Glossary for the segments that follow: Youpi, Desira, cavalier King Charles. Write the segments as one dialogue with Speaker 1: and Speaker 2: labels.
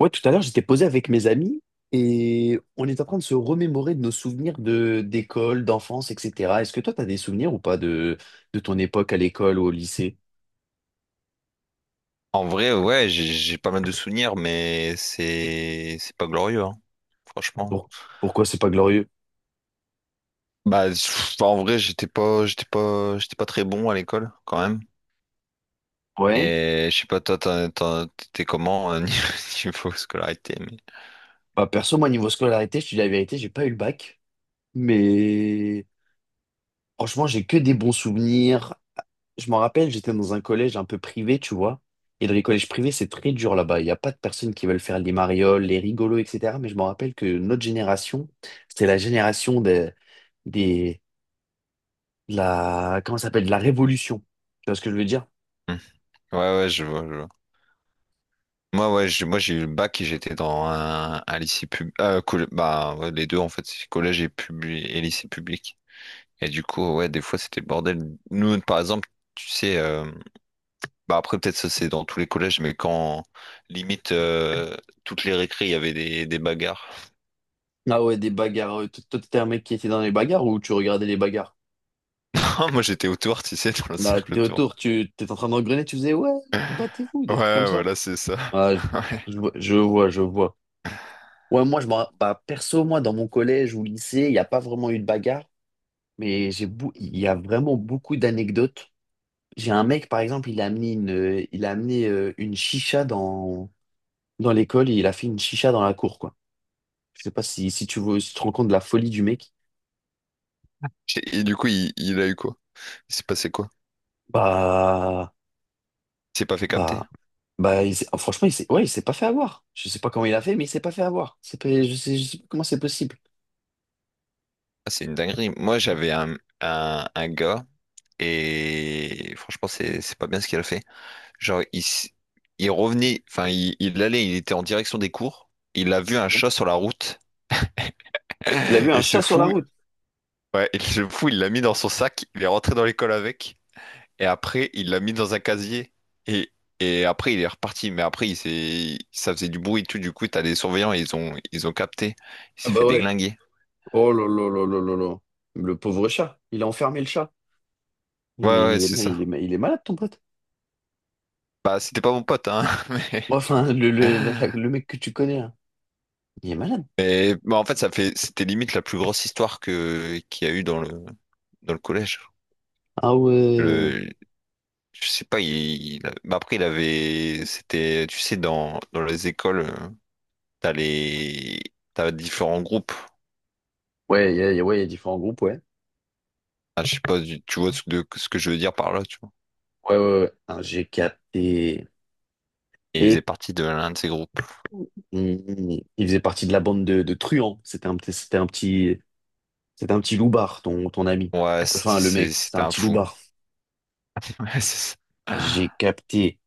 Speaker 1: Ouais, tout à l'heure, j'étais posé avec mes amis et on est en train de se remémorer de nos souvenirs de d'école, d'enfance, etc. Est-ce que toi, t'as des souvenirs ou pas de ton époque à l'école ou au lycée?
Speaker 2: En vrai, ouais, j'ai pas mal de souvenirs, mais c'est pas glorieux, hein, franchement.
Speaker 1: Pour- pourquoi c'est pas glorieux?
Speaker 2: Bah, en vrai, j'étais pas très bon à l'école, quand même.
Speaker 1: Ouais.
Speaker 2: Et je sais pas, toi, t'étais comment niveau scolarité, mais...
Speaker 1: Bah, perso, moi, niveau scolarité, je te dis la vérité, j'ai pas eu le bac. Mais franchement, j'ai que des bons souvenirs. Je m'en rappelle, j'étais dans un collège un peu privé, tu vois. Et dans les collèges privés, c'est très dur là-bas. Il n'y a pas de personnes qui veulent faire les marioles, les rigolos, etc. Mais je me rappelle que notre génération, c'était la génération des, de la, comment ça s'appelle, de la révolution. Tu vois ce que je veux dire?
Speaker 2: Hmm. Ouais, ouais, je vois, je vois. Moi, ouais, moi j'ai eu le bac et j'étais dans un lycée pub, bah ouais, les deux en fait, c'est collège et et lycée public. Et du coup, ouais, des fois c'était le bordel. Nous, par exemple, tu sais, bah après peut-être ça c'est dans tous les collèges, mais quand limite toutes les récré, il y avait des bagarres.
Speaker 1: Ah ouais, des bagarres. Toi, t'étais un mec qui était dans les bagarres ou tu regardais les bagarres?
Speaker 2: Moi j'étais autour, tu sais, dans le
Speaker 1: Là,
Speaker 2: cercle
Speaker 1: t'étais
Speaker 2: autour.
Speaker 1: autour, tu t'étais en train d'engrener, tu faisais ouais, ouais, battez-vous,
Speaker 2: Ouais,
Speaker 1: des trucs comme ça.
Speaker 2: voilà, c'est ça.
Speaker 1: Ah,
Speaker 2: Ouais.
Speaker 1: je vois, je vois, je vois. Ouais, moi, bah, perso, moi, dans mon collège ou lycée, il n'y a pas vraiment eu de bagarre. Mais il y a vraiment beaucoup d'anecdotes. J'ai un mec, par exemple, il a amené une, il a amené une chicha dans l'école et il a fait une chicha dans la cour, quoi. Je sais pas si tu veux, si tu te rends compte de la folie du mec.
Speaker 2: Et du coup, il a eu quoi? Il s'est passé quoi?
Speaker 1: Bah,
Speaker 2: Il s'est pas fait capter?
Speaker 1: bah, oh, franchement, ouais, il s'est pas fait avoir. Je sais pas comment il a fait, mais il s'est pas fait avoir. C'est pas- je sais pas comment c'est possible.
Speaker 2: Ah, c'est une dinguerie. Moi, j'avais un gars et franchement, c'est pas bien ce qu'il a fait. Genre, il revenait, enfin, il était en direction des cours. Il a vu un chat sur la route
Speaker 1: Il a vu un
Speaker 2: et ce
Speaker 1: chat sur la
Speaker 2: fou,
Speaker 1: route.
Speaker 2: ouais, et ce fou, il l'a mis dans son sac. Il est rentré dans l'école avec et après, il l'a mis dans un casier et et après, il est reparti. Mais après, ça faisait du bruit et tout. Du coup, t'as des surveillants, et ils ont capté. Il
Speaker 1: Ah
Speaker 2: s'est fait
Speaker 1: bah ouais.
Speaker 2: déglinguer.
Speaker 1: Oh là là là là là là. Le pauvre chat. Il a enfermé le chat. Il,
Speaker 2: Ouais, ouais, c'est
Speaker 1: il
Speaker 2: ça.
Speaker 1: est, il est malade, ton pote.
Speaker 2: Bah, c'était pas mon pote, hein,
Speaker 1: Ouais, enfin, le, le, la- la-
Speaker 2: mais.
Speaker 1: le mec que tu connais, là, il est malade.
Speaker 2: Mais bah, en fait, c'était limite la plus grosse histoire que qu'il y a eu dans le collège.
Speaker 1: Ah ouais.
Speaker 2: Le, je sais pas, il, bah, après il avait, c'était, tu sais, dans les écoles, t'as les t'as différents groupes.
Speaker 1: Ouais, ouais, il y a différents groupes, ouais.
Speaker 2: Ah, je sais pas, tu vois ce que je veux dire par là, tu vois.
Speaker 1: Ouais, ouais, ouais. Ah, j'ai capté.
Speaker 2: Et il faisait
Speaker 1: Et
Speaker 2: partie de l'un de ces groupes.
Speaker 1: il faisait partie de la bande de truands. C'était un petit loubard, ton ami.
Speaker 2: Ouais,
Speaker 1: Enfin, le mec, c'était
Speaker 2: c'était
Speaker 1: un
Speaker 2: un
Speaker 1: petit
Speaker 2: fou.
Speaker 1: loubard.
Speaker 2: Ouais, c'est ça.
Speaker 1: J'ai capté.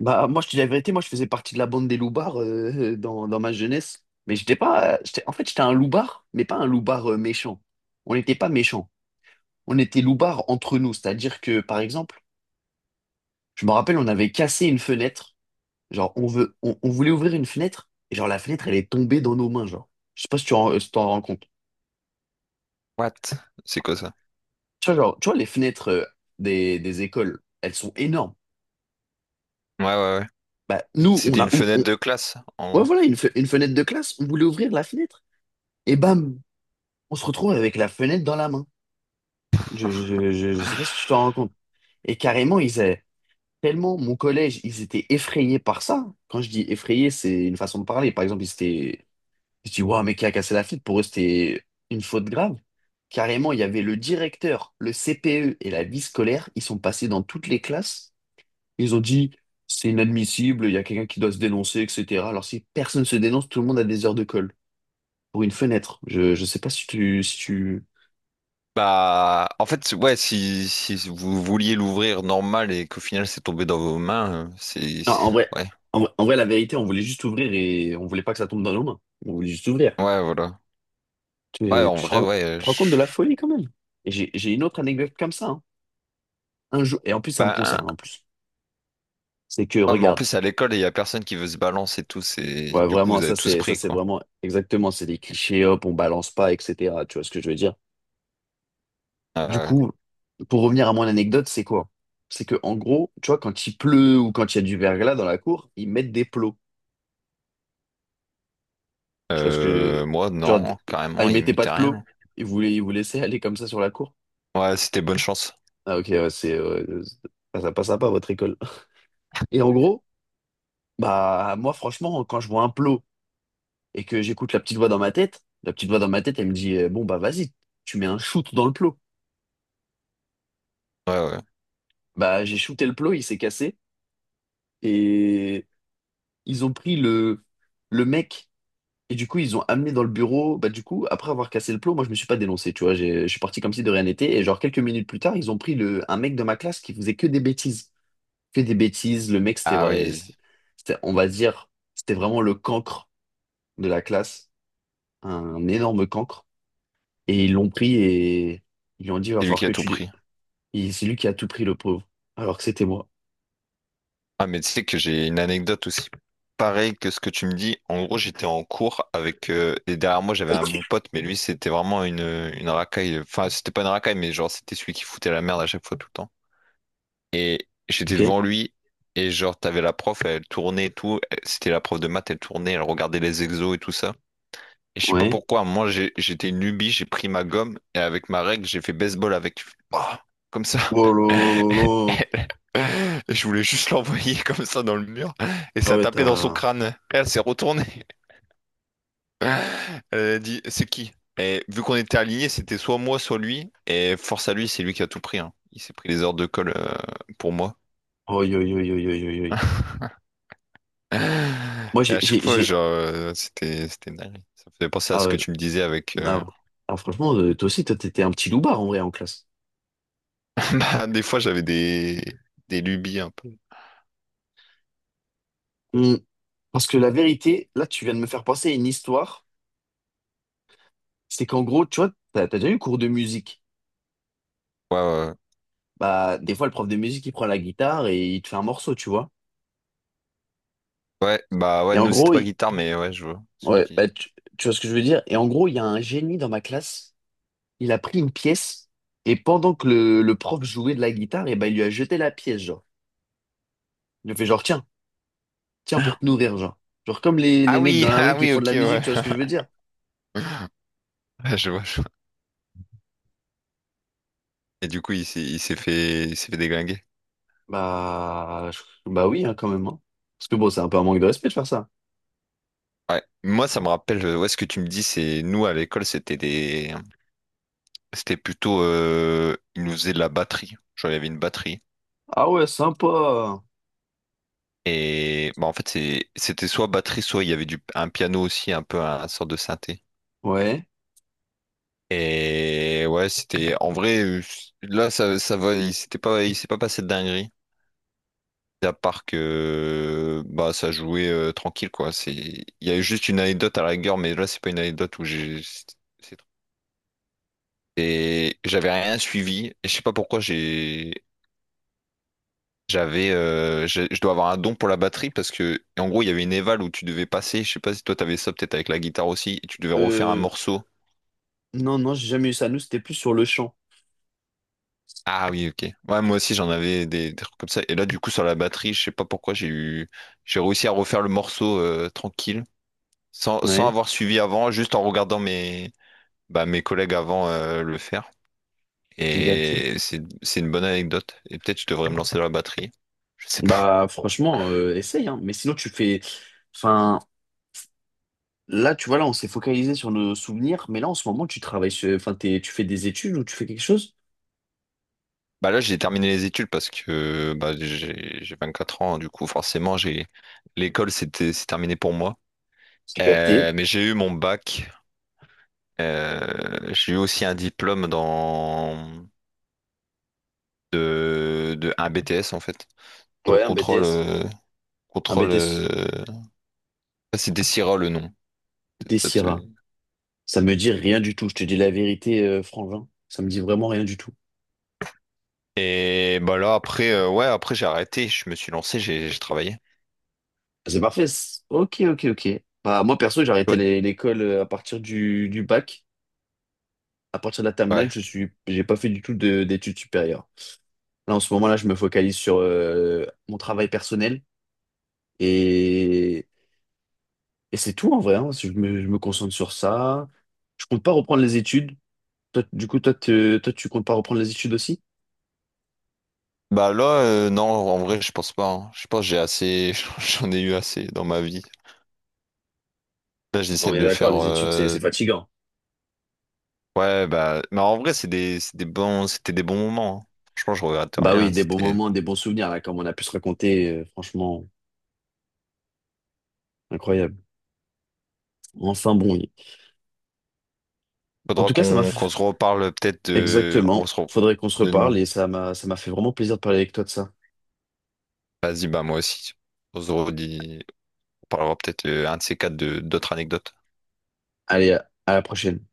Speaker 1: Bah, moi, je te dis la vérité, moi, je faisais partie de la bande des loubards dans ma jeunesse. Mais j'étais pas, en fait, j'étais un loubard, mais pas un loubard méchant. On n'était pas méchants. On était loubards entre nous. C'est-à-dire que, par exemple, je me rappelle, on avait cassé une fenêtre. Genre, on voulait ouvrir une fenêtre. Et genre, la fenêtre, elle est tombée dans nos mains, genre. Je sais pas si t'en rends compte.
Speaker 2: What? C'est quoi ça?
Speaker 1: Tu vois, genre, tu vois, les fenêtres des écoles, elles sont énormes.
Speaker 2: Ouais, ouais,
Speaker 1: Bah,
Speaker 2: ouais.
Speaker 1: nous, on
Speaker 2: C'était
Speaker 1: a,
Speaker 2: une
Speaker 1: ou-
Speaker 2: fenêtre
Speaker 1: on,
Speaker 2: de classe, en
Speaker 1: ouais,
Speaker 2: gros.
Speaker 1: voilà, une fenêtre de classe. On voulait ouvrir la fenêtre. Et bam, on se retrouve avec la fenêtre dans la main. Je sais pas si tu t'en rends compte. Et carrément, ils avaient tellement, mon collège, ils étaient effrayés par ça. Quand je dis effrayés, c'est une façon de parler. Par exemple, ils étaient je dis, waouh, mais qui a cassé la fille? Pour eux, c'était une faute grave. Carrément, il y avait le directeur, le CPE et la vie scolaire. Ils sont passés dans toutes les classes. Ils ont dit, c'est inadmissible, il y a quelqu'un qui doit se dénoncer, etc. Alors, si personne se dénonce, tout le monde a des heures de colle pour une fenêtre. Je sais pas si tu, si tu...
Speaker 2: Bah, en fait, ouais, si, si vous vouliez l'ouvrir normal et qu'au final c'est tombé dans vos mains,
Speaker 1: Non, en vrai,
Speaker 2: ouais,
Speaker 1: en vrai, en vrai, la vérité, on voulait juste ouvrir et on voulait pas que ça tombe dans nos mains. On voulait juste ouvrir.
Speaker 2: ouais, voilà. Ouais,
Speaker 1: Tu,
Speaker 2: en
Speaker 1: tu te
Speaker 2: vrai,
Speaker 1: rends, tu
Speaker 2: ouais,
Speaker 1: te rends compte de la folie quand même. Et j'ai une autre anecdote comme ça, hein. Un jour, et en plus, ça me
Speaker 2: bah,
Speaker 1: concerne en plus. C'est que,
Speaker 2: ouais, mais en
Speaker 1: regarde.
Speaker 2: plus à l'école, il y a personne qui veut se balancer et tout,
Speaker 1: Ouais,
Speaker 2: c'est, du coup,
Speaker 1: vraiment,
Speaker 2: vous
Speaker 1: ça
Speaker 2: avez tous
Speaker 1: c'est ça
Speaker 2: pris,
Speaker 1: c'est
Speaker 2: quoi.
Speaker 1: vraiment exactement, c'est des clichés, hop, on balance pas, etc. Tu vois ce que je veux dire? Du
Speaker 2: Euh,
Speaker 1: coup, pour revenir à mon anecdote, c'est quoi? C'est que en gros, tu vois, quand il pleut ou quand il y a du verglas dans la cour, ils mettent des plots. Tu vois ce que
Speaker 2: moi,
Speaker 1: tu vois,
Speaker 2: non,
Speaker 1: ah,
Speaker 2: carrément,
Speaker 1: ils
Speaker 2: il
Speaker 1: mettaient pas
Speaker 2: m'était
Speaker 1: de plots,
Speaker 2: rien.
Speaker 1: ils vous laissaient aller comme ça sur la cour.
Speaker 2: Ouais, c'était bonne chance.
Speaker 1: Ah ok, ouais, c'est ça passe pas votre école. Et en gros, bah moi franchement, quand je vois un plot et que j'écoute la petite voix dans ma tête, la petite voix dans ma tête, elle me dit bon bah vas-y, tu mets un shoot dans le plot.
Speaker 2: Ouais, ouais.
Speaker 1: Bah, j'ai shooté le plot, il s'est cassé. Et ils ont pris le mec. Et du coup, ils ont amené dans le bureau. Bah, du coup, après avoir cassé le plot, moi, je me suis pas dénoncé, tu vois. Je suis parti comme si de rien n'était. Et genre, quelques minutes plus tard, ils ont pris un mec de ma classe qui faisait que des bêtises. Que des bêtises. Le mec, c'était,
Speaker 2: Ah
Speaker 1: ouais.
Speaker 2: oui,
Speaker 1: C'était, on va dire, c'était vraiment le cancre de la classe. Un énorme cancre. Et ils l'ont pris et ils lui ont dit, va
Speaker 2: c'est lui
Speaker 1: falloir
Speaker 2: qui a
Speaker 1: que
Speaker 2: tout
Speaker 1: tu.
Speaker 2: pris.
Speaker 1: Et c'est lui qui a tout pris, le pauvre. Alors que c'était moi.
Speaker 2: Ah, mais tu sais que j'ai une anecdote aussi pareille que ce que tu me dis. En gros, j'étais en cours avec. Et derrière moi, j'avais mon pote, mais lui, c'était vraiment une racaille. Enfin, c'était pas une racaille, mais genre, c'était celui qui foutait la merde à chaque fois, tout le temps. Et j'étais
Speaker 1: Ok?
Speaker 2: devant lui, et genre, t'avais la prof, elle tournait et tout. Elle- C'était la prof de maths, elle tournait, elle regardait les exos et tout ça. Et je sais pas
Speaker 1: Ouais.
Speaker 2: pourquoi, moi, j'étais une lubie, j'ai pris ma gomme, et avec ma règle, j'ai fait baseball avec. Oh, comme ça.
Speaker 1: Oh là là là là.
Speaker 2: Je voulais juste l'envoyer comme ça dans le mur et
Speaker 1: Ah
Speaker 2: ça a
Speaker 1: ouais,
Speaker 2: tapé dans son
Speaker 1: t'as...
Speaker 2: crâne. Elle s'est retournée. Elle a dit, c'est qui? Et vu qu'on était alignés, c'était soit moi, soit lui. Et force à lui, c'est lui qui a tout pris, hein. Il s'est pris les heures de colle pour moi.
Speaker 1: Oh, yo, yo, yo, yo, yo, yo. Moi,
Speaker 2: Et
Speaker 1: j'ai...
Speaker 2: à chaque fois, genre, c'était dingue. Ça me faisait penser à
Speaker 1: Ah,
Speaker 2: ce que
Speaker 1: ouais.
Speaker 2: tu me disais avec.
Speaker 1: Ah, ah, franchement, toi aussi, t'étais un petit loupard, en vrai, en classe.
Speaker 2: Bah, des fois, j'avais des lubies un peu. Ouais,
Speaker 1: Hmm. Parce que la vérité, là, tu viens de me faire penser à une histoire. C'est qu'en gros, tu vois, t'as déjà eu cours de musique.
Speaker 2: ouais, ouais.
Speaker 1: Bah, des fois, le prof de musique, il prend la guitare et il te fait un morceau, tu vois.
Speaker 2: Ouais, bah ouais,
Speaker 1: Et en
Speaker 2: nous, c'était
Speaker 1: gros,
Speaker 2: pas guitare, mais ouais, je vois ce que
Speaker 1: ouais,
Speaker 2: tu
Speaker 1: bah,
Speaker 2: dis.
Speaker 1: tu vois ce que je veux dire? Et en gros, il y a un génie dans ma classe. Il a pris une pièce et pendant que le prof jouait de la guitare, et bah, il lui a jeté la pièce, genre. Il lui a fait genre, tiens, tiens, pour te nourrir, genre. Genre comme les
Speaker 2: Ah
Speaker 1: mecs
Speaker 2: oui,
Speaker 1: dans la rue
Speaker 2: ah
Speaker 1: qui
Speaker 2: oui,
Speaker 1: font de
Speaker 2: ok,
Speaker 1: la
Speaker 2: ouais.
Speaker 1: musique, tu vois ce que je veux dire?
Speaker 2: Je vois. Et du coup, il s'est fait déglinguer.
Speaker 1: Bah, bah oui, hein, quand même, hein. Parce que bon, c'est un peu un manque de respect de faire ça.
Speaker 2: Ouais. Moi, ça me rappelle, ouais, ce que tu me dis, c'est nous à l'école, c'était plutôt, ils nous faisaient de la batterie. Genre, il y avait une batterie.
Speaker 1: Ah ouais, sympa.
Speaker 2: Et bah, en fait, c'était soit batterie, soit il y avait un piano aussi, un peu sorte de synthé.
Speaker 1: Ouais.
Speaker 2: Et ouais, en vrai, là, ça va, il s'est pas passé de dinguerie. À part que, bah, ça jouait tranquille, quoi. C'est, il y a eu juste une anecdote à la rigueur, mais là, c'est pas une anecdote où j'ai, c'est et j'avais rien suivi. Et je sais pas pourquoi j'avais je dois avoir un don pour la batterie parce que en gros il y avait une éval où tu devais passer, je sais pas si toi t'avais ça peut-être avec la guitare aussi, et tu devais refaire un
Speaker 1: Euh,
Speaker 2: morceau.
Speaker 1: non, non, j'ai jamais eu ça. Nous, c'était plus sur le champ.
Speaker 2: Ah oui, ok. Ouais, moi aussi j'en avais des trucs comme ça. Et là du coup sur la batterie, je sais pas pourquoi j'ai réussi à refaire le morceau tranquille, sans
Speaker 1: Ouais,
Speaker 2: avoir suivi avant, juste en regardant mes bah, mes collègues avant le faire.
Speaker 1: j'ai capté.
Speaker 2: Et c'est une bonne anecdote. Et peut-être je devrais me lancer dans la batterie. Je sais pas.
Speaker 1: Bah, franchement, essaye, hein. Mais sinon, tu fais. Enfin, là, tu vois, là, on s'est focalisé sur nos souvenirs. Mais là, en ce moment, tu travailles sur. Enfin, tu fais des études ou tu fais quelque chose?
Speaker 2: Bah là, j'ai terminé les études parce que bah, j'ai 24 ans, du coup, forcément, j'ai l'école, c'est terminé pour moi.
Speaker 1: J'ai capté.
Speaker 2: Mais j'ai eu mon bac. J'ai eu aussi un diplôme dans de un BTS en fait, dans le
Speaker 1: Ouais, un
Speaker 2: contrôle
Speaker 1: BTS. Un
Speaker 2: contrôle.
Speaker 1: BTS.
Speaker 2: Ah, c'est Desira le nom. Peut-être
Speaker 1: Des
Speaker 2: ça
Speaker 1: Ça
Speaker 2: te-
Speaker 1: me dit rien du tout. Je te dis la vérité, Frangin. Ça me dit vraiment rien du tout.
Speaker 2: Et bah là après, ouais, après j'ai arrêté, je me suis lancé, j'ai travaillé.
Speaker 1: Ah, c'est parfait. Ok, ok, ok. Bah, moi, perso, j'ai arrêté
Speaker 2: Toi,
Speaker 1: l'école à partir du bac. À partir de la terminale,
Speaker 2: ouais.
Speaker 1: j'ai pas fait du tout d'études supérieures. Là, en ce moment-là, je me focalise sur mon travail personnel et, et c'est tout en vrai, hein. Je me concentre sur ça. Je compte pas reprendre les études. Toi, du coup, tu comptes pas reprendre les études aussi?
Speaker 2: Bah là, non, en vrai, je pense pas, hein. Je pense que j'ai assez, j'en ai eu assez dans ma vie. Là,
Speaker 1: On
Speaker 2: j'essaie
Speaker 1: est
Speaker 2: de
Speaker 1: d'accord,
Speaker 2: faire.
Speaker 1: les études, c'est fatigant.
Speaker 2: Ouais, bah. Mais en vrai, c'était des bons moments, hein. Franchement, je regrette
Speaker 1: Bah oui,
Speaker 2: rien.
Speaker 1: des bons
Speaker 2: C'était.
Speaker 1: moments, des bons souvenirs, là, comme on a pu se raconter, franchement, incroyable. Enfin bon, en
Speaker 2: Faudra
Speaker 1: tout cas, ça m'a
Speaker 2: qu'on
Speaker 1: fait...
Speaker 2: se reparle peut-être de. On
Speaker 1: Exactement,
Speaker 2: se re-
Speaker 1: faudrait qu'on se
Speaker 2: de-
Speaker 1: reparle et ça m'a fait vraiment plaisir de parler avec toi de ça.
Speaker 2: Vas-y, bah, moi aussi. On se redit. On parlera peut-être un de ces quatre de d'autres anecdotes.
Speaker 1: Allez, à la prochaine.